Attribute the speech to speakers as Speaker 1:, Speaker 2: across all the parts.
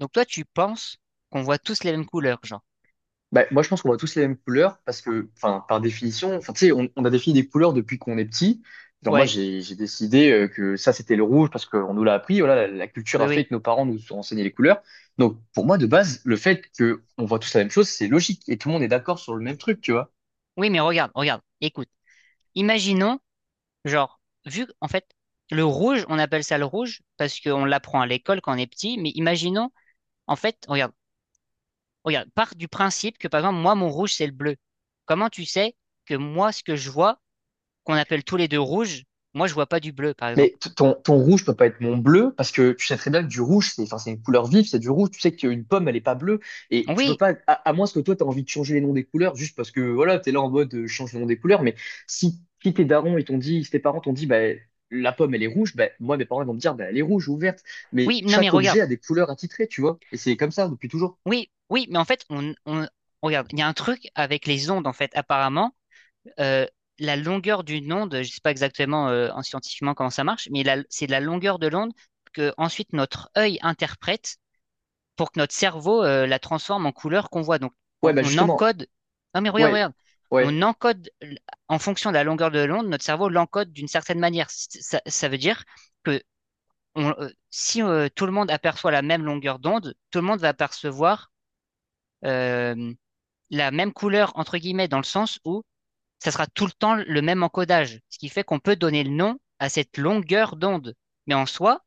Speaker 1: Donc toi, tu penses qu'on voit tous les mêmes couleurs, genre.
Speaker 2: Bah, moi, je pense qu'on voit tous les mêmes couleurs parce que, enfin, par définition, enfin, tu sais, on a défini des couleurs depuis qu'on est petit. Genre, moi,
Speaker 1: Ouais,
Speaker 2: j'ai décidé que ça, c'était le rouge parce qu'on nous l'a appris. Voilà, la culture
Speaker 1: oui,
Speaker 2: a fait
Speaker 1: oui.
Speaker 2: que nos parents nous ont enseigné les couleurs. Donc, pour moi, de base, le fait que on voit tous la même chose, c'est logique et tout le monde est d'accord sur le même truc, tu vois.
Speaker 1: Oui, mais regarde, regarde, écoute. Imaginons, genre, vu, en fait, le rouge, on appelle ça le rouge parce qu'on l'apprend à l'école quand on est petit, mais imaginons, en fait, regarde, regarde, part du principe que, par exemple, moi, mon rouge, c'est le bleu. Comment tu sais que moi, ce que je vois, qu'on appelle tous les deux rouge, moi, je vois pas du bleu, par
Speaker 2: Mais
Speaker 1: exemple.
Speaker 2: ton rouge peut pas être mon bleu parce que tu sais très bien que du rouge, c'est enfin, c'est une couleur vive, c'est du rouge. Tu sais qu'une pomme, elle est pas bleue et tu peux
Speaker 1: Oui,
Speaker 2: pas, à moins que toi, tu as envie de changer les noms des couleurs juste parce que voilà, tu es là en mode change le nom des couleurs. Mais si tes darons, ils t'ont dit, si tes parents t'ont dit, bah, la pomme, elle est rouge, bah, moi, mes parents, ils vont me dire, bah, elle est rouge ou verte. Mais
Speaker 1: oui, non, mais
Speaker 2: chaque objet
Speaker 1: regarde.
Speaker 2: a des couleurs attitrées, tu vois. Et c'est comme ça depuis toujours.
Speaker 1: Oui, oui, mais en fait, regarde, il y a un truc avec les ondes, en fait, apparemment euh, la longueur d'une onde, je sais pas exactement en scientifiquement comment ça marche, mais c'est la longueur de l'onde que ensuite notre œil interprète pour que notre cerveau la transforme en couleur qu'on voit. Donc
Speaker 2: Ouais,
Speaker 1: on,
Speaker 2: bah
Speaker 1: on
Speaker 2: justement,
Speaker 1: encode. Non mais regarde,
Speaker 2: ouais,
Speaker 1: regarde.
Speaker 2: ouais,
Speaker 1: On encode en fonction de la longueur de l'onde, notre cerveau l'encode d'une certaine manière. Ça, ça veut dire que si tout le monde aperçoit la même longueur d'onde, tout le monde va percevoir euh, la même couleur entre guillemets dans le sens où ça sera tout le temps le même encodage, ce qui fait qu'on peut donner le nom à cette longueur d'onde. Mais en soi,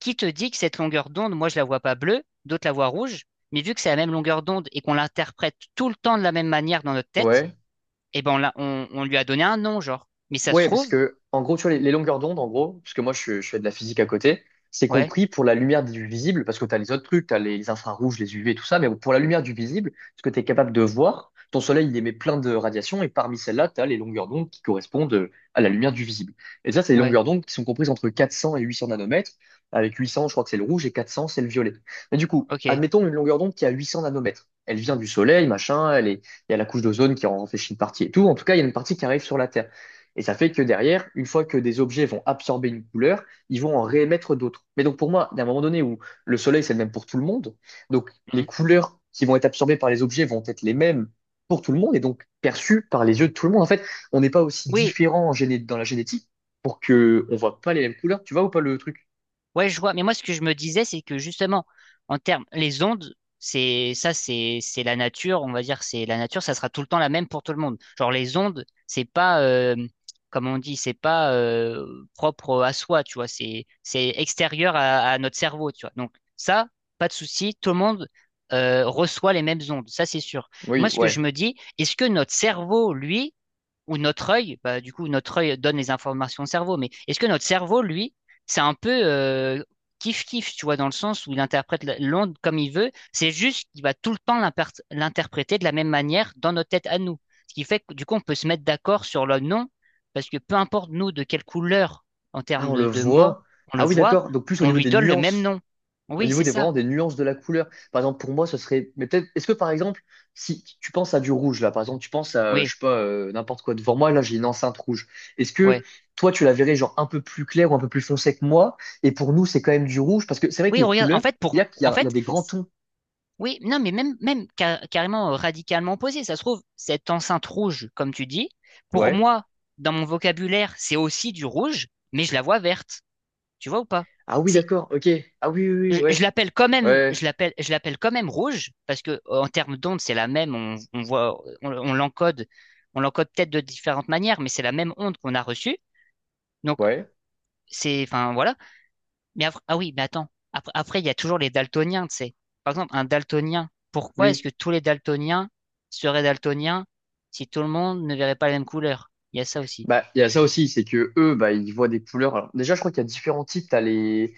Speaker 1: qui te dit que cette longueur d'onde, moi je la vois pas bleue, d'autres la voient rouge, mais vu que c'est la même longueur d'onde et qu'on l'interprète tout le temps de la même manière dans notre tête,
Speaker 2: ouais.
Speaker 1: eh ben on lui a donné un nom, genre. Mais ça se
Speaker 2: Ouais, parce
Speaker 1: trouve,
Speaker 2: que, en gros, tu vois, les longueurs d'onde, en gros, parce que moi, je fais de la physique à côté, c'est
Speaker 1: ouais,
Speaker 2: compris pour la lumière du visible, parce que tu as les autres trucs, tu as les infrarouges, les UV, tout ça, mais pour la lumière du visible, ce que tu es capable de voir, ton soleil, il émet plein de radiations, et parmi celles-là, tu as les longueurs d'onde qui correspondent à la lumière du visible. Et ça, c'est les
Speaker 1: ouais,
Speaker 2: longueurs d'onde qui sont comprises entre 400 et 800 nanomètres, avec 800, je crois que c'est le rouge, et 400, c'est le violet. Mais du coup,
Speaker 1: ok.
Speaker 2: admettons une longueur d'onde qui a 800 nanomètres. Elle vient du soleil, machin, elle est, il y a la couche d'ozone qui en réfléchit une partie et tout. En tout cas, il y a une partie qui arrive sur la Terre. Et ça fait que derrière, une fois que des objets vont absorber une couleur, ils vont en réémettre d'autres. Mais donc pour moi, d'un moment donné où le soleil, c'est le même pour tout le monde, donc les
Speaker 1: Mhm.
Speaker 2: couleurs qui vont être absorbées par les objets vont être les mêmes pour tout le monde et donc perçues par les yeux de tout le monde. En fait, on n'est pas aussi
Speaker 1: Oui,
Speaker 2: différent en dans la génétique pour que on voit pas les mêmes couleurs. Tu vois ou pas le truc?
Speaker 1: ouais, je vois. Mais moi, ce que je me disais, c'est que justement, en termes, les ondes, c'est ça, c'est la nature. On va dire, c'est la nature. Ça sera tout le temps la même pour tout le monde. Genre les ondes, c'est pas, comme on dit, c'est pas propre à soi. Tu vois, c'est extérieur à notre cerveau. Tu vois. Donc ça, pas de souci. Tout le monde reçoit les mêmes ondes. Ça, c'est sûr.
Speaker 2: Oui,
Speaker 1: Moi, ce que
Speaker 2: ouais.
Speaker 1: je me dis, est-ce que notre cerveau, lui, ou notre œil, bah, du coup, notre œil donne les informations au cerveau. Mais est-ce que notre cerveau, lui, c'est un peu kiff-kiff, tu vois, dans le sens où il interprète l'onde comme il veut, c'est juste qu'il va tout le temps l'interpréter de la même manière dans notre tête à nous. Ce qui fait que, du coup, on peut se mettre d'accord sur le nom, parce que peu importe nous de quelle couleur, en
Speaker 2: Ah,
Speaker 1: termes
Speaker 2: on le
Speaker 1: de mots,
Speaker 2: voit.
Speaker 1: on le
Speaker 2: Ah oui,
Speaker 1: voit,
Speaker 2: d'accord. Donc plus au
Speaker 1: on
Speaker 2: niveau
Speaker 1: lui
Speaker 2: des
Speaker 1: donne le même
Speaker 2: nuances.
Speaker 1: nom.
Speaker 2: Au
Speaker 1: Oui,
Speaker 2: niveau
Speaker 1: c'est
Speaker 2: des
Speaker 1: ça.
Speaker 2: vraiment des nuances de la couleur. Par exemple, pour moi, ce serait. Mais peut-être. Est-ce que par exemple, si tu penses à du rouge, là, par exemple, tu penses à, je
Speaker 1: Oui,
Speaker 2: sais pas, n'importe quoi devant moi, là, j'ai une enceinte rouge. Est-ce que
Speaker 1: ouais.
Speaker 2: toi, tu la verrais genre un peu plus claire ou un peu plus foncée que moi? Et pour nous, c'est quand même du rouge, parce que c'est vrai que
Speaker 1: Oui,
Speaker 2: les
Speaker 1: regarde, en
Speaker 2: couleurs,
Speaker 1: fait, pour,
Speaker 2: il y a, il y
Speaker 1: en
Speaker 2: a, il y a
Speaker 1: fait.
Speaker 2: des grands tons.
Speaker 1: Oui, non, mais même, même carrément radicalement opposé. Ça se trouve, cette enceinte rouge, comme tu dis, pour
Speaker 2: Ouais.
Speaker 1: moi, dans mon vocabulaire, c'est aussi du rouge, mais je la vois verte. Tu vois ou pas?
Speaker 2: Ah oui,
Speaker 1: C'est,
Speaker 2: d'accord, ok. Ah oui, oui, oui,
Speaker 1: je,
Speaker 2: ouais.
Speaker 1: je l'appelle quand même,
Speaker 2: Ouais,
Speaker 1: je l'appelle quand même rouge parce que en termes d'onde, c'est la même. On voit, on l'encode, on l'encode peut-être de différentes manières, mais c'est la même onde qu'on a reçue. Donc
Speaker 2: ouais,
Speaker 1: c'est, enfin voilà. Mais après, ah oui, mais attends. Après, après, il y a toujours les daltoniens, tu sais. Par exemple, un daltonien. Pourquoi est-ce
Speaker 2: oui.
Speaker 1: que tous les daltoniens seraient daltoniens si tout le monde ne verrait pas la même couleur? Il y a ça aussi.
Speaker 2: Bah, il y a ça aussi, c'est que eux, bah, ils voient des couleurs. Alors, déjà, je crois qu'il y a différents types. T'as les,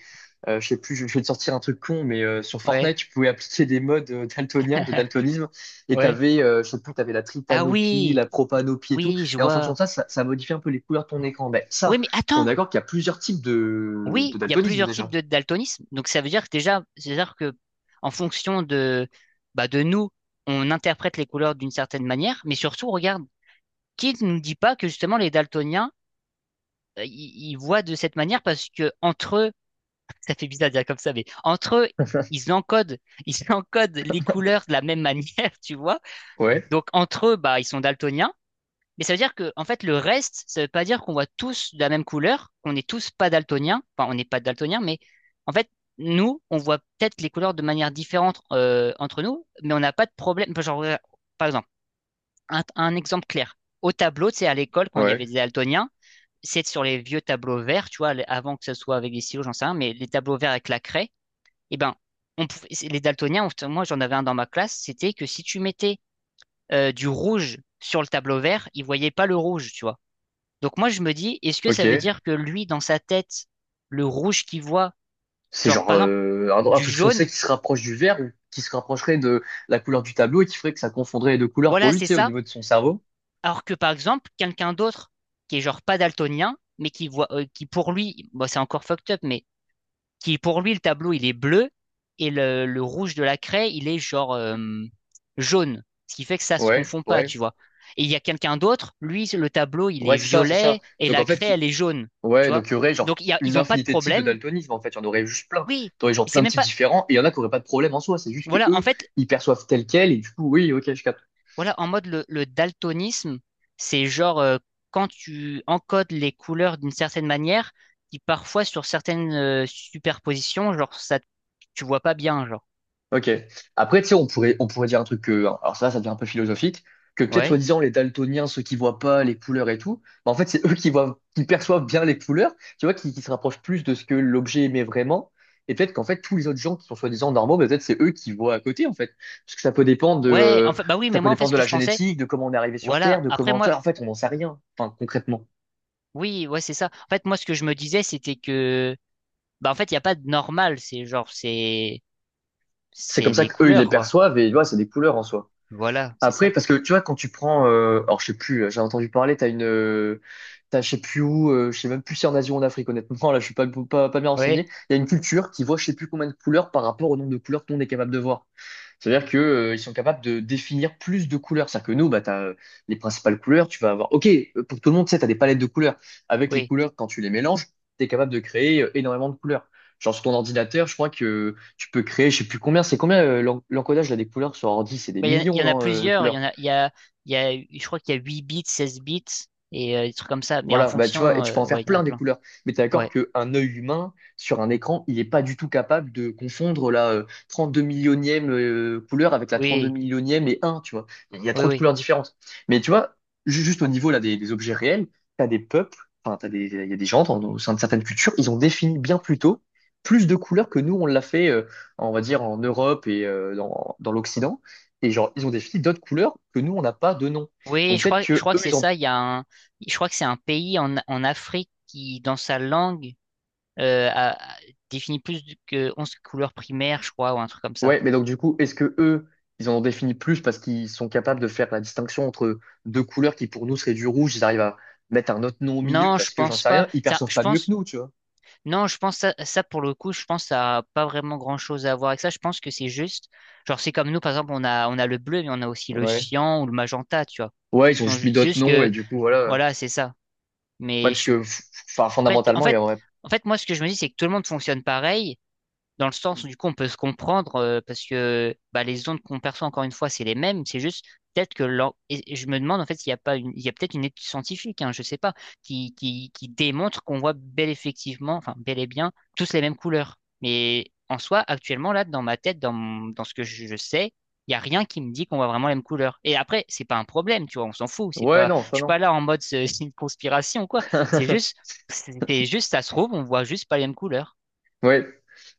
Speaker 2: je sais plus, je vais te sortir un truc con, mais sur
Speaker 1: Ouais,
Speaker 2: Fortnite, tu pouvais appliquer des modes daltoniens, de daltonisme, et
Speaker 1: ouais.
Speaker 2: t'avais, je sais plus, t'avais la
Speaker 1: Ah
Speaker 2: tritanopie,
Speaker 1: oui,
Speaker 2: la propanopie et tout.
Speaker 1: oui, je
Speaker 2: Et en fonction
Speaker 1: vois.
Speaker 2: de ça, ça modifie un peu les couleurs de ton écran. Ben,
Speaker 1: Oui,
Speaker 2: ça,
Speaker 1: mais
Speaker 2: on est
Speaker 1: attends.
Speaker 2: d'accord qu'il y a plusieurs types de
Speaker 1: Oui, il y a
Speaker 2: daltonisme
Speaker 1: plusieurs types
Speaker 2: déjà.
Speaker 1: de daltonisme. Donc ça veut dire que déjà, c'est-à-dire que en fonction de, bah, de nous, on interprète les couleurs d'une certaine manière. Mais surtout, regarde, qui ne nous dit pas que justement les daltoniens, ils voient de cette manière parce que entre eux, ça fait bizarre de dire comme ça, mais entre eux, ils encodent, ils encodent les couleurs de la même manière, tu vois.
Speaker 2: Ouais,
Speaker 1: Donc entre eux, bah, ils sont daltoniens. Mais ça veut dire que, en fait, le reste, ça veut pas dire qu'on voit tous de la même couleur, qu'on n'est tous pas daltoniens. Enfin, on n'est pas daltoniens, mais en fait, nous, on voit peut-être les couleurs de manière différente entre nous, mais on n'a pas de problème. Genre, par exemple, un exemple clair. Au tableau, tu sais, à l'école, quand il y
Speaker 2: ouais,
Speaker 1: avait des daltoniens, c'est sur les vieux tableaux verts, tu vois, avant que ce soit avec des stylos, j'en sais rien, mais les tableaux verts avec la craie eh ben, les daltoniens, enfin, moi j'en avais un dans ma classe, c'était que si tu mettais du rouge sur le tableau vert, il voyait pas le rouge, tu vois. Donc moi je me dis, est-ce que ça veut
Speaker 2: ok.
Speaker 1: dire que lui, dans sa tête, le rouge qu'il voit,
Speaker 2: C'est
Speaker 1: genre
Speaker 2: genre
Speaker 1: par exemple
Speaker 2: un
Speaker 1: du
Speaker 2: truc foncé
Speaker 1: jaune,
Speaker 2: qui se rapproche du vert ou qui se rapprocherait de la couleur du tableau et qui ferait que ça confondrait les deux couleurs pour
Speaker 1: voilà,
Speaker 2: lui,
Speaker 1: c'est
Speaker 2: tu sais, au
Speaker 1: ça,
Speaker 2: niveau de son cerveau.
Speaker 1: alors que par exemple quelqu'un d'autre qui est genre pas daltonien, mais qui voit, qui pour lui, bon, c'est encore fucked up, mais qui pour lui, le tableau, il est bleu et le rouge de la craie, il est genre jaune, ce qui fait que ça se
Speaker 2: Ouais,
Speaker 1: confond pas,
Speaker 2: ouais.
Speaker 1: tu vois. Et il y a quelqu'un d'autre, lui, le tableau, il est
Speaker 2: Ouais, c'est ça, c'est ça.
Speaker 1: violet et
Speaker 2: Donc
Speaker 1: la
Speaker 2: en
Speaker 1: craie,
Speaker 2: fait,
Speaker 1: elle est jaune, tu
Speaker 2: ouais, donc
Speaker 1: vois.
Speaker 2: il y aurait
Speaker 1: Donc
Speaker 2: genre une
Speaker 1: ils ont pas de
Speaker 2: infinité de types de
Speaker 1: problème.
Speaker 2: daltonisme, en fait, il y en aurait juste plein.
Speaker 1: Oui,
Speaker 2: T'aurais genre
Speaker 1: mais c'est
Speaker 2: plein de
Speaker 1: même
Speaker 2: types
Speaker 1: pas.
Speaker 2: différents, et il y en a qui auraient pas de problème en soi, c'est juste que
Speaker 1: Voilà, en
Speaker 2: eux,
Speaker 1: fait,
Speaker 2: ils perçoivent tel quel, et du coup, oui, ok, je capte.
Speaker 1: voilà, en mode le daltonisme, c'est genre quand tu encodes les couleurs d'une certaine manière, qui parfois sur certaines superpositions, genre ça, tu vois pas bien, genre.
Speaker 2: Ok. Après, tu sais, on pourrait dire un truc que, alors ça devient un peu philosophique, que peut-être
Speaker 1: Ouais.
Speaker 2: soi-disant les daltoniens, ceux qui voient pas les couleurs et tout, bah, en fait, c'est eux qui voient, qui perçoivent bien les couleurs, tu vois, qui se rapprochent plus de ce que l'objet émet vraiment. Et peut-être qu'en fait, tous les autres gens qui sont soi-disant normaux, bah, peut-être c'est eux qui voient à côté, en fait. Parce que ça peut dépendre de,
Speaker 1: Ouais, en fait, bah oui,
Speaker 2: ça
Speaker 1: mais
Speaker 2: peut
Speaker 1: moi, en fait,
Speaker 2: dépendre
Speaker 1: ce
Speaker 2: de
Speaker 1: que
Speaker 2: la
Speaker 1: je pensais,
Speaker 2: génétique, de comment on est arrivé sur Terre,
Speaker 1: voilà.
Speaker 2: de
Speaker 1: Après,
Speaker 2: comment, tu
Speaker 1: moi,
Speaker 2: vois, en fait, on n'en sait rien, enfin, concrètement.
Speaker 1: oui, ouais, c'est ça. En fait, moi, ce que je me disais, c'était que, bah, en fait, il n'y a pas de normal. C'est genre,
Speaker 2: C'est
Speaker 1: c'est
Speaker 2: comme ça
Speaker 1: les
Speaker 2: qu'eux, ils les
Speaker 1: couleurs, quoi.
Speaker 2: perçoivent et, tu vois, c'est des couleurs en soi.
Speaker 1: Voilà, c'est
Speaker 2: Après,
Speaker 1: ça.
Speaker 2: parce que tu vois, quand tu prends, alors je sais plus, j'ai entendu parler, t'as une, t'as je sais plus où, je sais même plus si en Asie ou en Afrique, honnêtement, là je suis pas bien
Speaker 1: Ouais,
Speaker 2: renseigné. Il y a une culture qui voit je sais plus combien de couleurs par rapport au nombre de couleurs qu'on est capable de voir. C'est-à-dire que, ils sont capables de définir plus de couleurs. C'est-à-dire que nous, bah, tu as les principales couleurs, tu vas avoir... OK, pour tout le monde, tu sais, tu as des palettes de couleurs. Avec les
Speaker 1: oui.
Speaker 2: couleurs, quand tu les mélanges, tu es capable de créer énormément de couleurs. Genre sur ton ordinateur, je crois que tu peux créer, je sais plus combien, c'est combien l'encodage là, des couleurs sur ordi, c'est des
Speaker 1: Bah, il
Speaker 2: millions,
Speaker 1: y en a
Speaker 2: non, de
Speaker 1: plusieurs. Il y
Speaker 2: couleurs.
Speaker 1: en a, il y a, il y a, je crois qu'il y a 8 bits, 16 bits et des trucs comme ça. Mais en
Speaker 2: Voilà, bah, tu vois, et
Speaker 1: fonction,
Speaker 2: tu peux en
Speaker 1: ouais,
Speaker 2: faire
Speaker 1: il y en a
Speaker 2: plein des
Speaker 1: plein.
Speaker 2: couleurs. Mais t'es d'accord
Speaker 1: Ouais.
Speaker 2: qu'un œil humain, sur un écran, il n'est pas du tout capable de confondre la 32 millionième couleur avec la 32
Speaker 1: Oui,
Speaker 2: millionième et un tu vois. Il y a
Speaker 1: oui,
Speaker 2: trop de
Speaker 1: oui.
Speaker 2: couleurs différentes. Mais tu vois, juste au niveau là, des objets réels, t'as des peuples, enfin, t'as des, il y a des gens dans, au sein de certaines cultures, ils ont défini bien plus tôt plus de couleurs que nous, on l'a fait, on va dire, en Europe et dans, dans l'Occident. Et genre, ils ont défini d'autres couleurs que nous, on n'a pas de nom.
Speaker 1: Oui,
Speaker 2: Donc peut-être
Speaker 1: je
Speaker 2: que
Speaker 1: crois que
Speaker 2: eux,
Speaker 1: c'est
Speaker 2: ils ont
Speaker 1: ça. Il y a un, je crois que c'est un pays en Afrique qui, dans sa langue, euh, a- définit plus que 11 couleurs primaires, je crois, ou un truc comme ça.
Speaker 2: Ouais, mais donc du coup, est-ce que eux, ils en ont défini plus parce qu'ils sont capables de faire la distinction entre deux couleurs qui pour nous seraient du rouge, ils arrivent à mettre un autre nom au milieu
Speaker 1: Non, je
Speaker 2: parce que j'en
Speaker 1: pense
Speaker 2: sais
Speaker 1: pas.
Speaker 2: rien, ils
Speaker 1: Ça,
Speaker 2: perçoivent
Speaker 1: je
Speaker 2: pas mieux que
Speaker 1: pense.
Speaker 2: nous, tu vois.
Speaker 1: Non, je pense ça, ça pour le coup, je pense que ça a pas vraiment grand-chose à voir avec ça. Je pense que c'est juste, genre c'est comme nous par exemple, on a le bleu, mais on a aussi le
Speaker 2: Ouais.
Speaker 1: cyan ou le magenta, tu vois.
Speaker 2: Ouais, ils ont juste mis
Speaker 1: C'est
Speaker 2: d'autres
Speaker 1: juste
Speaker 2: noms
Speaker 1: que
Speaker 2: et du coup, voilà.
Speaker 1: voilà, c'est ça.
Speaker 2: Ouais,
Speaker 1: Mais
Speaker 2: parce
Speaker 1: je,
Speaker 2: que enfin,
Speaker 1: après, en
Speaker 2: fondamentalement, il y
Speaker 1: fait,
Speaker 2: aurait...
Speaker 1: moi ce que je me dis, c'est que tout le monde fonctionne pareil. Dans le sens, où, du coup, on peut se comprendre parce que bah, les ondes qu'on perçoit, encore une fois, c'est les mêmes. C'est juste peut-être que et je me demande en fait s'il n'y a pas une. Il y a peut-être une étude scientifique, hein, je sais pas, qui démontre qu'on voit bel effectivement, enfin bel et bien, tous les mêmes couleurs. Mais en soi, actuellement, là, dans ma tête, dans ce que je sais, il n'y a rien qui me dit qu'on voit vraiment les mêmes couleurs. Et après, c'est pas un problème, tu vois, on s'en fout. C'est
Speaker 2: Ouais,
Speaker 1: pas.
Speaker 2: non, soit
Speaker 1: Je suis
Speaker 2: non.
Speaker 1: pas là en mode c'est une conspiration ou quoi. C'est juste, c'était juste, ça se trouve, on voit juste pas les mêmes couleurs.
Speaker 2: Ouais,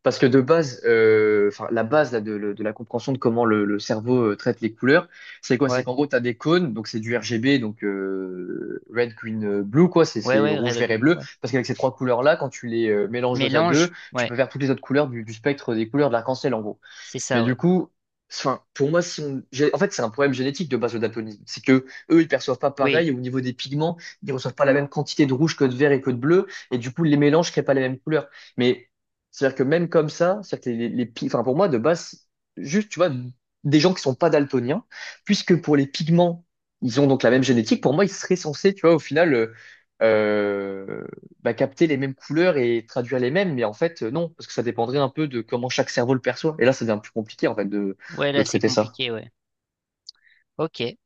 Speaker 2: parce que de base, enfin la base là, de la compréhension de comment le cerveau traite les couleurs, c'est quoi? C'est
Speaker 1: Ouais.
Speaker 2: qu'en gros, tu as des cônes, donc c'est du RGB, donc red, green, blue, quoi,
Speaker 1: Ouais,
Speaker 2: c'est
Speaker 1: ouais,
Speaker 2: rouge, vert
Speaker 1: Red
Speaker 2: et
Speaker 1: Bull,
Speaker 2: bleu.
Speaker 1: ouais.
Speaker 2: Parce qu'avec ces trois couleurs-là, quand tu les mélanges deux à deux,
Speaker 1: Mélange,
Speaker 2: tu
Speaker 1: ouais,
Speaker 2: peux faire toutes les autres couleurs du spectre des couleurs de l'arc-en-ciel, en gros.
Speaker 1: c'est
Speaker 2: Mais
Speaker 1: ça,
Speaker 2: du
Speaker 1: ouais.
Speaker 2: coup, enfin, pour moi, si on... en fait, c'est un problème génétique de base le daltonisme. C'est que eux, ils perçoivent pas
Speaker 1: Oui,
Speaker 2: pareil au niveau des pigments. Ils reçoivent pas la même quantité de rouge que de vert et que de bleu. Et du coup, les mélanges créent pas les mêmes couleurs. Mais c'est-à-dire que même comme ça, c'est-à-dire que les, enfin, pour moi, de base, juste, tu vois, des gens qui sont pas daltoniens, puisque pour les pigments, ils ont donc la même génétique. Pour moi, ils seraient censés, tu vois, au final. Euh, bah, capter les mêmes couleurs et traduire les mêmes, mais en fait, non, parce que ça dépendrait un peu de comment chaque cerveau le perçoit. Et là, ça devient plus compliqué, en fait,
Speaker 1: ouais,
Speaker 2: de
Speaker 1: là, c'est
Speaker 2: traiter ça.
Speaker 1: compliqué, ouais. Ok.